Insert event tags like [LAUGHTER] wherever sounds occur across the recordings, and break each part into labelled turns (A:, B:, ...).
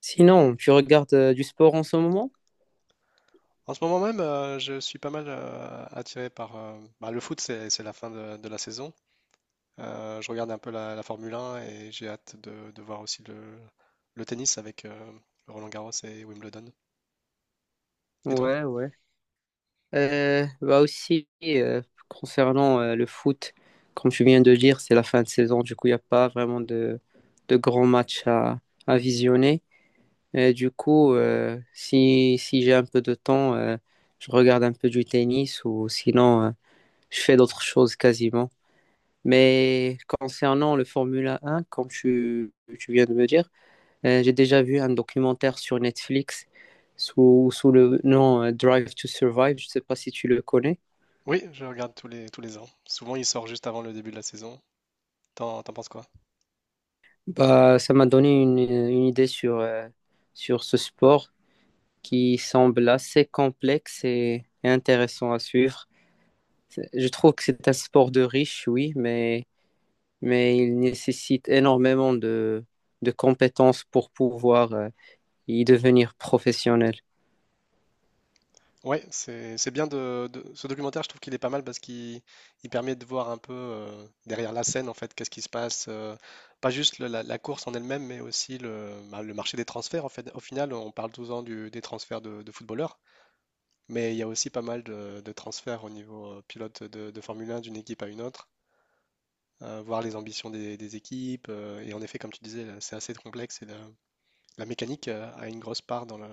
A: Sinon, tu regardes du sport en ce moment?
B: En ce moment même, je suis pas mal attiré par le foot, c'est la fin de la saison. Je regarde un peu la Formule 1 et j'ai hâte de voir aussi le tennis avec Roland-Garros et Wimbledon. Et toi?
A: Ouais, ouais. Bah aussi, concernant le foot, comme tu viens de dire, c'est la fin de saison, du coup, il n'y a pas vraiment de grands matchs à visionner. Et du coup, si j'ai un peu de temps, je regarde un peu du tennis ou sinon, je fais d'autres choses quasiment. Mais concernant le Formula 1, tu viens de me dire. J'ai déjà vu un documentaire sur Netflix sous le nom Drive to Survive. Je ne sais pas si tu le connais.
B: Oui, je regarde tous les ans. Souvent, il sort juste avant le début de la saison. T'en penses quoi?
A: Bah, ça m'a donné une idée sur, sur ce sport qui semble assez complexe et intéressant à suivre. Je trouve que c'est un sport de riche, oui, mais il nécessite énormément de compétences pour pouvoir y devenir professionnel.
B: Ouais, c'est bien ce documentaire, je trouve qu'il est pas mal parce qu'il il permet de voir un peu derrière la scène en fait, qu'est-ce qui se passe, pas juste la course en elle-même, mais aussi le marché des transferts en fait. Au final, on parle tout le temps des transferts de footballeurs, mais il y a aussi pas mal de transferts au niveau pilote de Formule 1 d'une équipe à une autre, voir les ambitions des équipes, et en effet, comme tu disais, là, c'est assez complexe et la mécanique a une grosse part dans le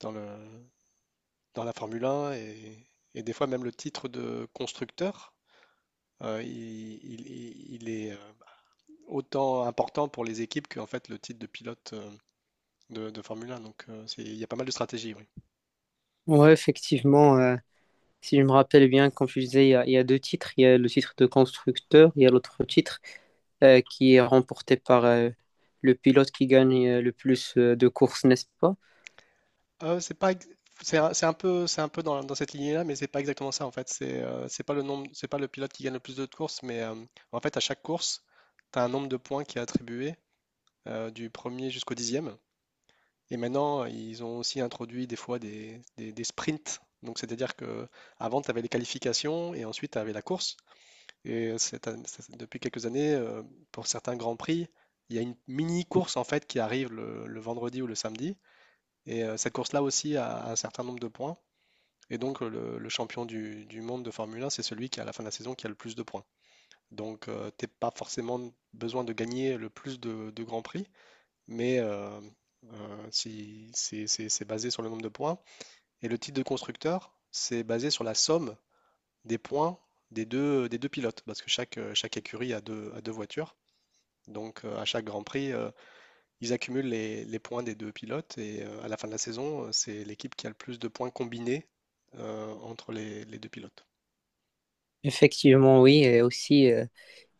B: dans le dans la Formule 1, et des fois même le titre de constructeur, euh, il, il est autant important pour les équipes qu'en fait le titre de pilote, de Formule 1. Donc il y a pas mal de stratégies, oui.
A: Oui, effectivement. Si je me rappelle bien, comme tu disais, il y a deux titres. Il y a le titre de constructeur, il y a l'autre titre qui est remporté par le pilote qui gagne le plus de courses, n'est-ce pas?
B: C'est pas, c'est un peu dans cette lignée-là, mais c'est pas exactement ça en fait. C'est pas le nombre, c'est pas le pilote qui gagne le plus de courses, mais en fait à chaque course, tu as un nombre de points qui est attribué, du premier jusqu'au dixième. Et maintenant, ils ont aussi introduit des fois des sprints. Donc, c'est-à-dire que avant, tu avais les qualifications et ensuite, tu avais la course. Et depuis quelques années, pour certains grands prix, il y a une mini course en fait qui arrive le vendredi ou le samedi. Et cette course-là aussi a un certain nombre de points. Et donc, le champion du monde de Formule 1, c'est celui qui, à la fin de la saison, qui a le plus de points. Donc, tu t'es pas forcément besoin de gagner le plus de grands prix, mais si, c'est basé sur le nombre de points. Et le titre de constructeur, c'est basé sur la somme des points des deux pilotes, parce que chaque, chaque écurie a deux voitures. Donc à chaque Grand Prix, ils accumulent les points des deux pilotes, et à la fin de la saison, c'est l'équipe qui a le plus de points combinés entre les deux pilotes.
A: Effectivement, oui. Et aussi,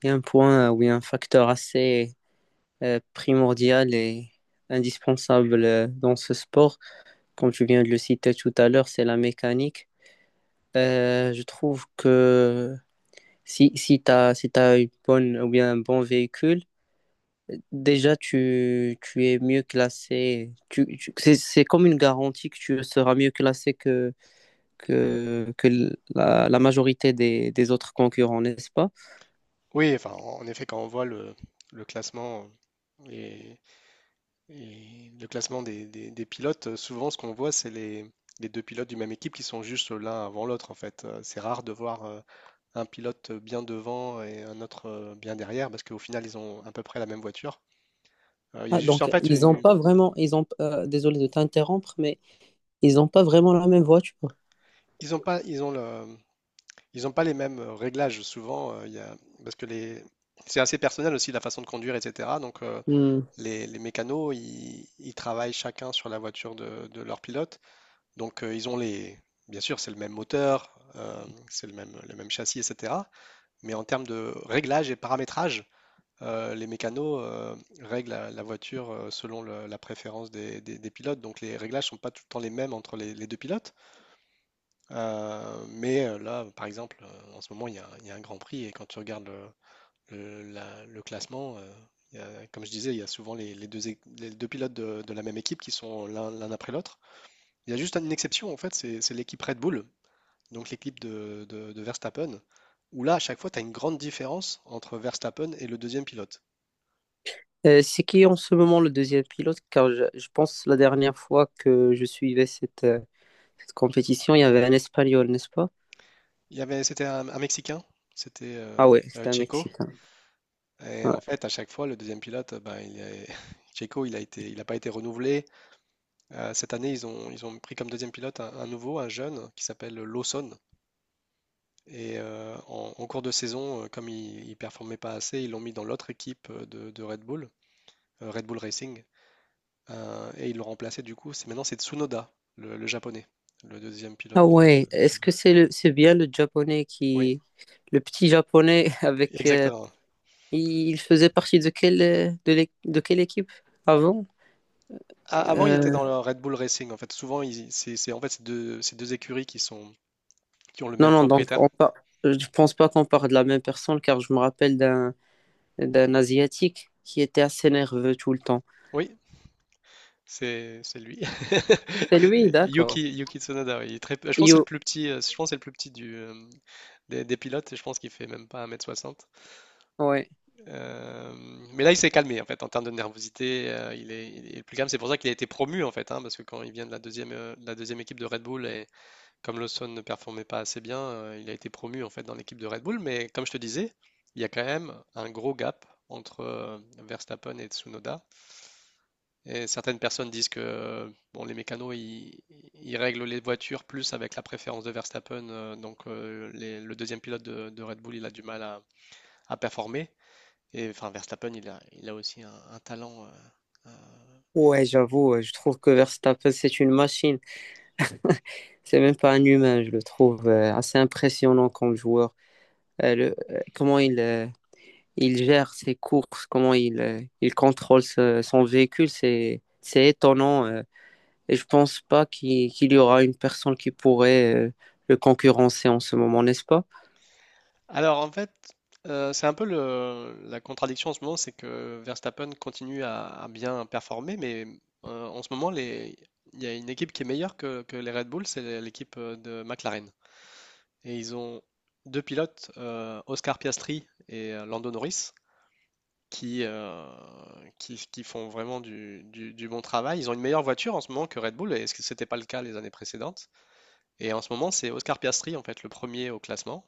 A: il y a un point où un facteur assez primordial et indispensable dans ce sport. Comme tu viens de le citer tout à l'heure, c'est la mécanique. Je trouve que si tu as, si t'as une bonne, ou bien un bon véhicule, déjà, tu es mieux classé. C'est comme une garantie que tu seras mieux classé que la majorité des autres concurrents, n'est-ce pas?
B: Oui, enfin, en effet, quand on voit le classement et Et le classement des pilotes, souvent ce qu'on voit, c'est les deux pilotes du même équipe qui sont juste l'un avant l'autre, en fait. C'est rare de voir, un pilote bien devant et un autre bien derrière, parce qu'au final, ils ont à peu près la même voiture. Il y a
A: Ah,
B: juste, en
A: donc,
B: fait,
A: ils n'ont pas vraiment, ils ont, désolé de t'interrompre, mais ils n'ont pas vraiment la même voiture.
B: ils ont pas, ils ont le, ils ont pas les mêmes, réglages souvent, parce que c'est assez personnel aussi la façon de conduire, etc. Donc
A: Hmm.
B: les mécanos, ils travaillent chacun sur la voiture de leur pilote. Donc ils ont bien sûr, c'est le même moteur, c'est le même châssis, etc. Mais en termes de réglage et paramétrage, les mécanos règlent la voiture selon le- la préférence des pilotes. Donc les réglages ne sont pas tout le temps les mêmes entre les deux pilotes. Là, par exemple, en ce moment, il y a un Grand Prix et quand tu regardes le classement, comme je disais, il y a souvent les deux pilotes de la même équipe qui sont l'un après l'autre. Il y a juste une exception, en fait, c'est l'équipe Red Bull, donc l'équipe de Verstappen, où là, à chaque fois, tu as une grande différence entre Verstappen et le deuxième pilote.
A: C'est qui en ce moment le deuxième pilote? Car je pense la dernière fois que je suivais cette, cette compétition, il y avait un Espagnol, n'est-ce pas?
B: Il y avait, c'était un Mexicain, c'était
A: Ah ouais, c'était un
B: Checo,
A: Mexicain.
B: et en
A: Ouais.
B: fait, à chaque fois, le deuxième pilote, ben, [LAUGHS] Checo, il n'a pas été renouvelé. Cette année, ils ont pris comme deuxième pilote un nouveau, un jeune, qui s'appelle Lawson. Et en cours de saison, comme il ne performait pas assez, ils l'ont mis dans l'autre équipe, de Red Bull, Red Bull Racing. Et ils l'ont remplacé du coup, c'est maintenant c'est Tsunoda, le japonais, le deuxième pilote
A: Ah
B: de.
A: ouais, est-ce que c'est bien le japonais
B: Oui,
A: qui, le petit japonais [LAUGHS] avec,
B: exactement.
A: il faisait partie de quelle, de quelle équipe avant?
B: A avant, il était
A: Euh,
B: dans le Red Bull Racing, en fait. Souvent, ils c'est en fait, c'est 2 écuries qui ont le
A: non,
B: même
A: non, donc
B: propriétaire.
A: je pense pas qu'on parle de la même personne car je me rappelle d'un asiatique qui était assez nerveux tout le temps.
B: Oui, c'est lui.
A: C'est lui,
B: [LAUGHS]
A: d'accord.
B: Yuki Tsunoda, oui, il est très, je pense que c'est le
A: Yo,
B: plus petit, je pense que c'est le plus petit du, hem, des pilotes, et je pense qu'il fait même pas 1,60 m.
A: ouais.
B: Euh, mais là, il s'est calmé en fait en termes de nervosité. Il est plus calme. C'est pour ça qu'il a été promu en fait, hein, parce que quand il vient de de la deuxième équipe de Red Bull, et comme Lawson ne performait pas assez bien, il a été promu en fait dans l'équipe de Red Bull. Mais comme je te disais, il y a quand même un gros gap entre, Verstappen et Tsunoda. Et certaines personnes disent que, bon, les mécanos ils règlent les voitures plus avec la préférence de Verstappen, donc le deuxième pilote de Red Bull il a du mal à performer. Et enfin, Verstappen, il a aussi un talent. Euh.
A: Ouais, j'avoue, ouais, je trouve que Verstappen, c'est une machine. [LAUGHS] C'est même pas un humain, je le trouve assez impressionnant comme joueur. Euh, le- euh, comment il, euh, il gère ses courses, il contrôle son véhicule, c'est étonnant. Et je pense pas qu'il y aura une personne qui pourrait le concurrencer en ce moment, n'est-ce pas?
B: Alors, en fait, c'est un peu la contradiction en ce moment, c'est que Verstappen continue à bien performer, mais en ce moment, il y a une équipe qui est meilleure que les Red Bull, c'est l'équipe de McLaren. Et ils ont deux pilotes, Oscar Piastri et Lando Norris, qui, euh, qui font vraiment du bon travail. Ils ont une meilleure voiture en ce moment que Red Bull, et ce n'était pas le cas les années précédentes. Et en ce moment, c'est Oscar Piastri, en fait, le premier au classement.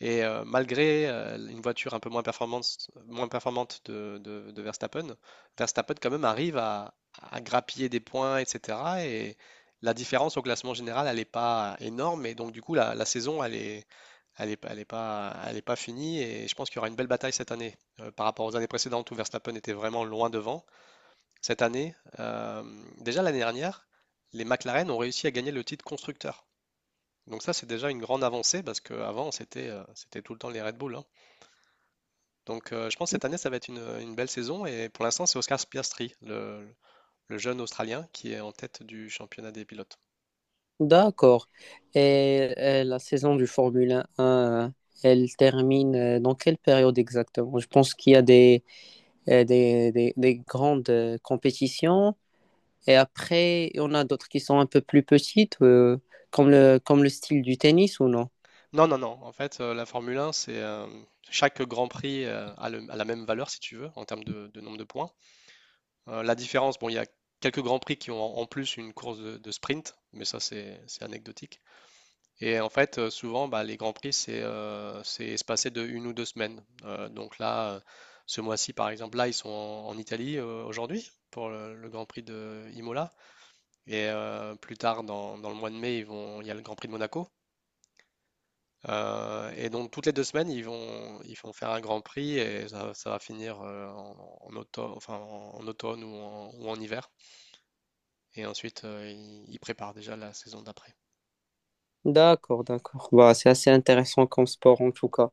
B: Et malgré une voiture un peu moins performante, de Verstappen, Verstappen quand même arrive à grappiller des points, etc. Et la différence au classement général, elle n'est pas énorme. Et donc, du coup, la saison, elle est pas finie. Et je pense qu'il y aura une belle bataille cette année, par rapport aux années précédentes où Verstappen était vraiment loin devant. Cette année, déjà l'année dernière, les McLaren ont réussi à gagner le titre constructeur. Donc ça, c'est déjà une grande avancée parce qu'avant, c'était tout le temps les Red Bull, hein. Donc je pense que cette année, ça va être une belle saison, et pour l'instant, c'est Oscar Piastri, le jeune Australien, qui est en tête du championnat des pilotes.
A: D'accord. Et, la saison du Formule 1, elle termine dans quelle période exactement? Je pense qu'il y a des, des grandes compétitions. Et après, on a d'autres qui sont un peu plus petites, comme comme le style du tennis ou non?
B: Non, non, non. En fait, la Formule 1, c'est chaque Grand Prix a la même valeur, si tu veux, en termes de nombre de points. La différence, bon, il y a quelques Grands Prix qui ont en plus une course de sprint, mais ça, c'est anecdotique. Et en fait, souvent, bah, les grands prix, c'est espacé de une ou 2 semaines. Ce mois-ci, par exemple, là, ils sont en Italie aujourd'hui pour le Grand Prix de Imola. Et plus tard, dans le mois de mai, il y a le Grand Prix de Monaco. Et donc, toutes les 2 semaines, ils vont faire un Grand Prix, et ça va finir en, en auto- enfin, en, automne ou en hiver. Et ensuite, ils préparent déjà la saison d'après.
A: D'accord, d'accord. Bah, c'est assez intéressant comme sport en tout cas.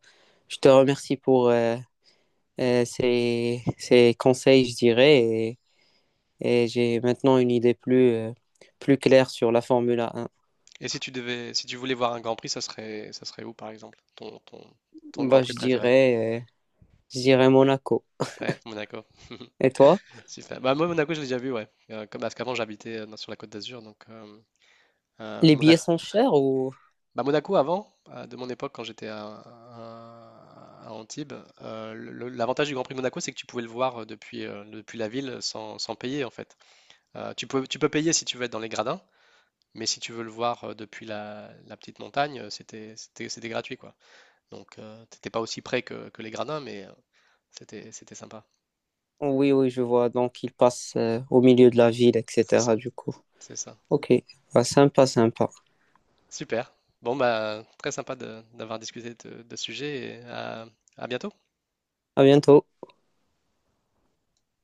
A: Je te remercie pour ces, ces conseils, je dirais, et j'ai maintenant une idée plus, plus claire sur la Formule 1.
B: Et si tu devais, si tu voulais voir un Grand Prix, ça serait où par exemple? Ton, ton Grand
A: Bah,
B: Prix préféré?
A: je dirais Monaco.
B: Ouais, Monaco. [LAUGHS]
A: Et toi?
B: Super. Bah moi Monaco, je l'ai déjà vu, ouais. Comme parce qu'avant j'habitais sur la Côte d'Azur, donc
A: Les billets
B: Monaco.
A: sont chers ou...
B: Bah, Monaco avant, de mon époque quand j'étais à Antibes, l'avantage du Grand Prix de Monaco, c'est que tu pouvais le voir depuis la ville sans payer en fait. Tu peux payer si tu veux être dans les gradins, mais si tu veux le voir depuis la petite montagne, c'était gratuit quoi. Donc, t'étais pas aussi près que les Gradins, mais c'était sympa.
A: Oui, oui, je vois. Donc, ils passent au milieu de la ville,
B: C'est
A: etc.
B: ça.
A: Du coup.
B: C'est ça.
A: Ok. Bah, sympa, sympa.
B: Super. Bon, bah, très sympa d'avoir discuté de ce sujet, et à bientôt.
A: À bientôt.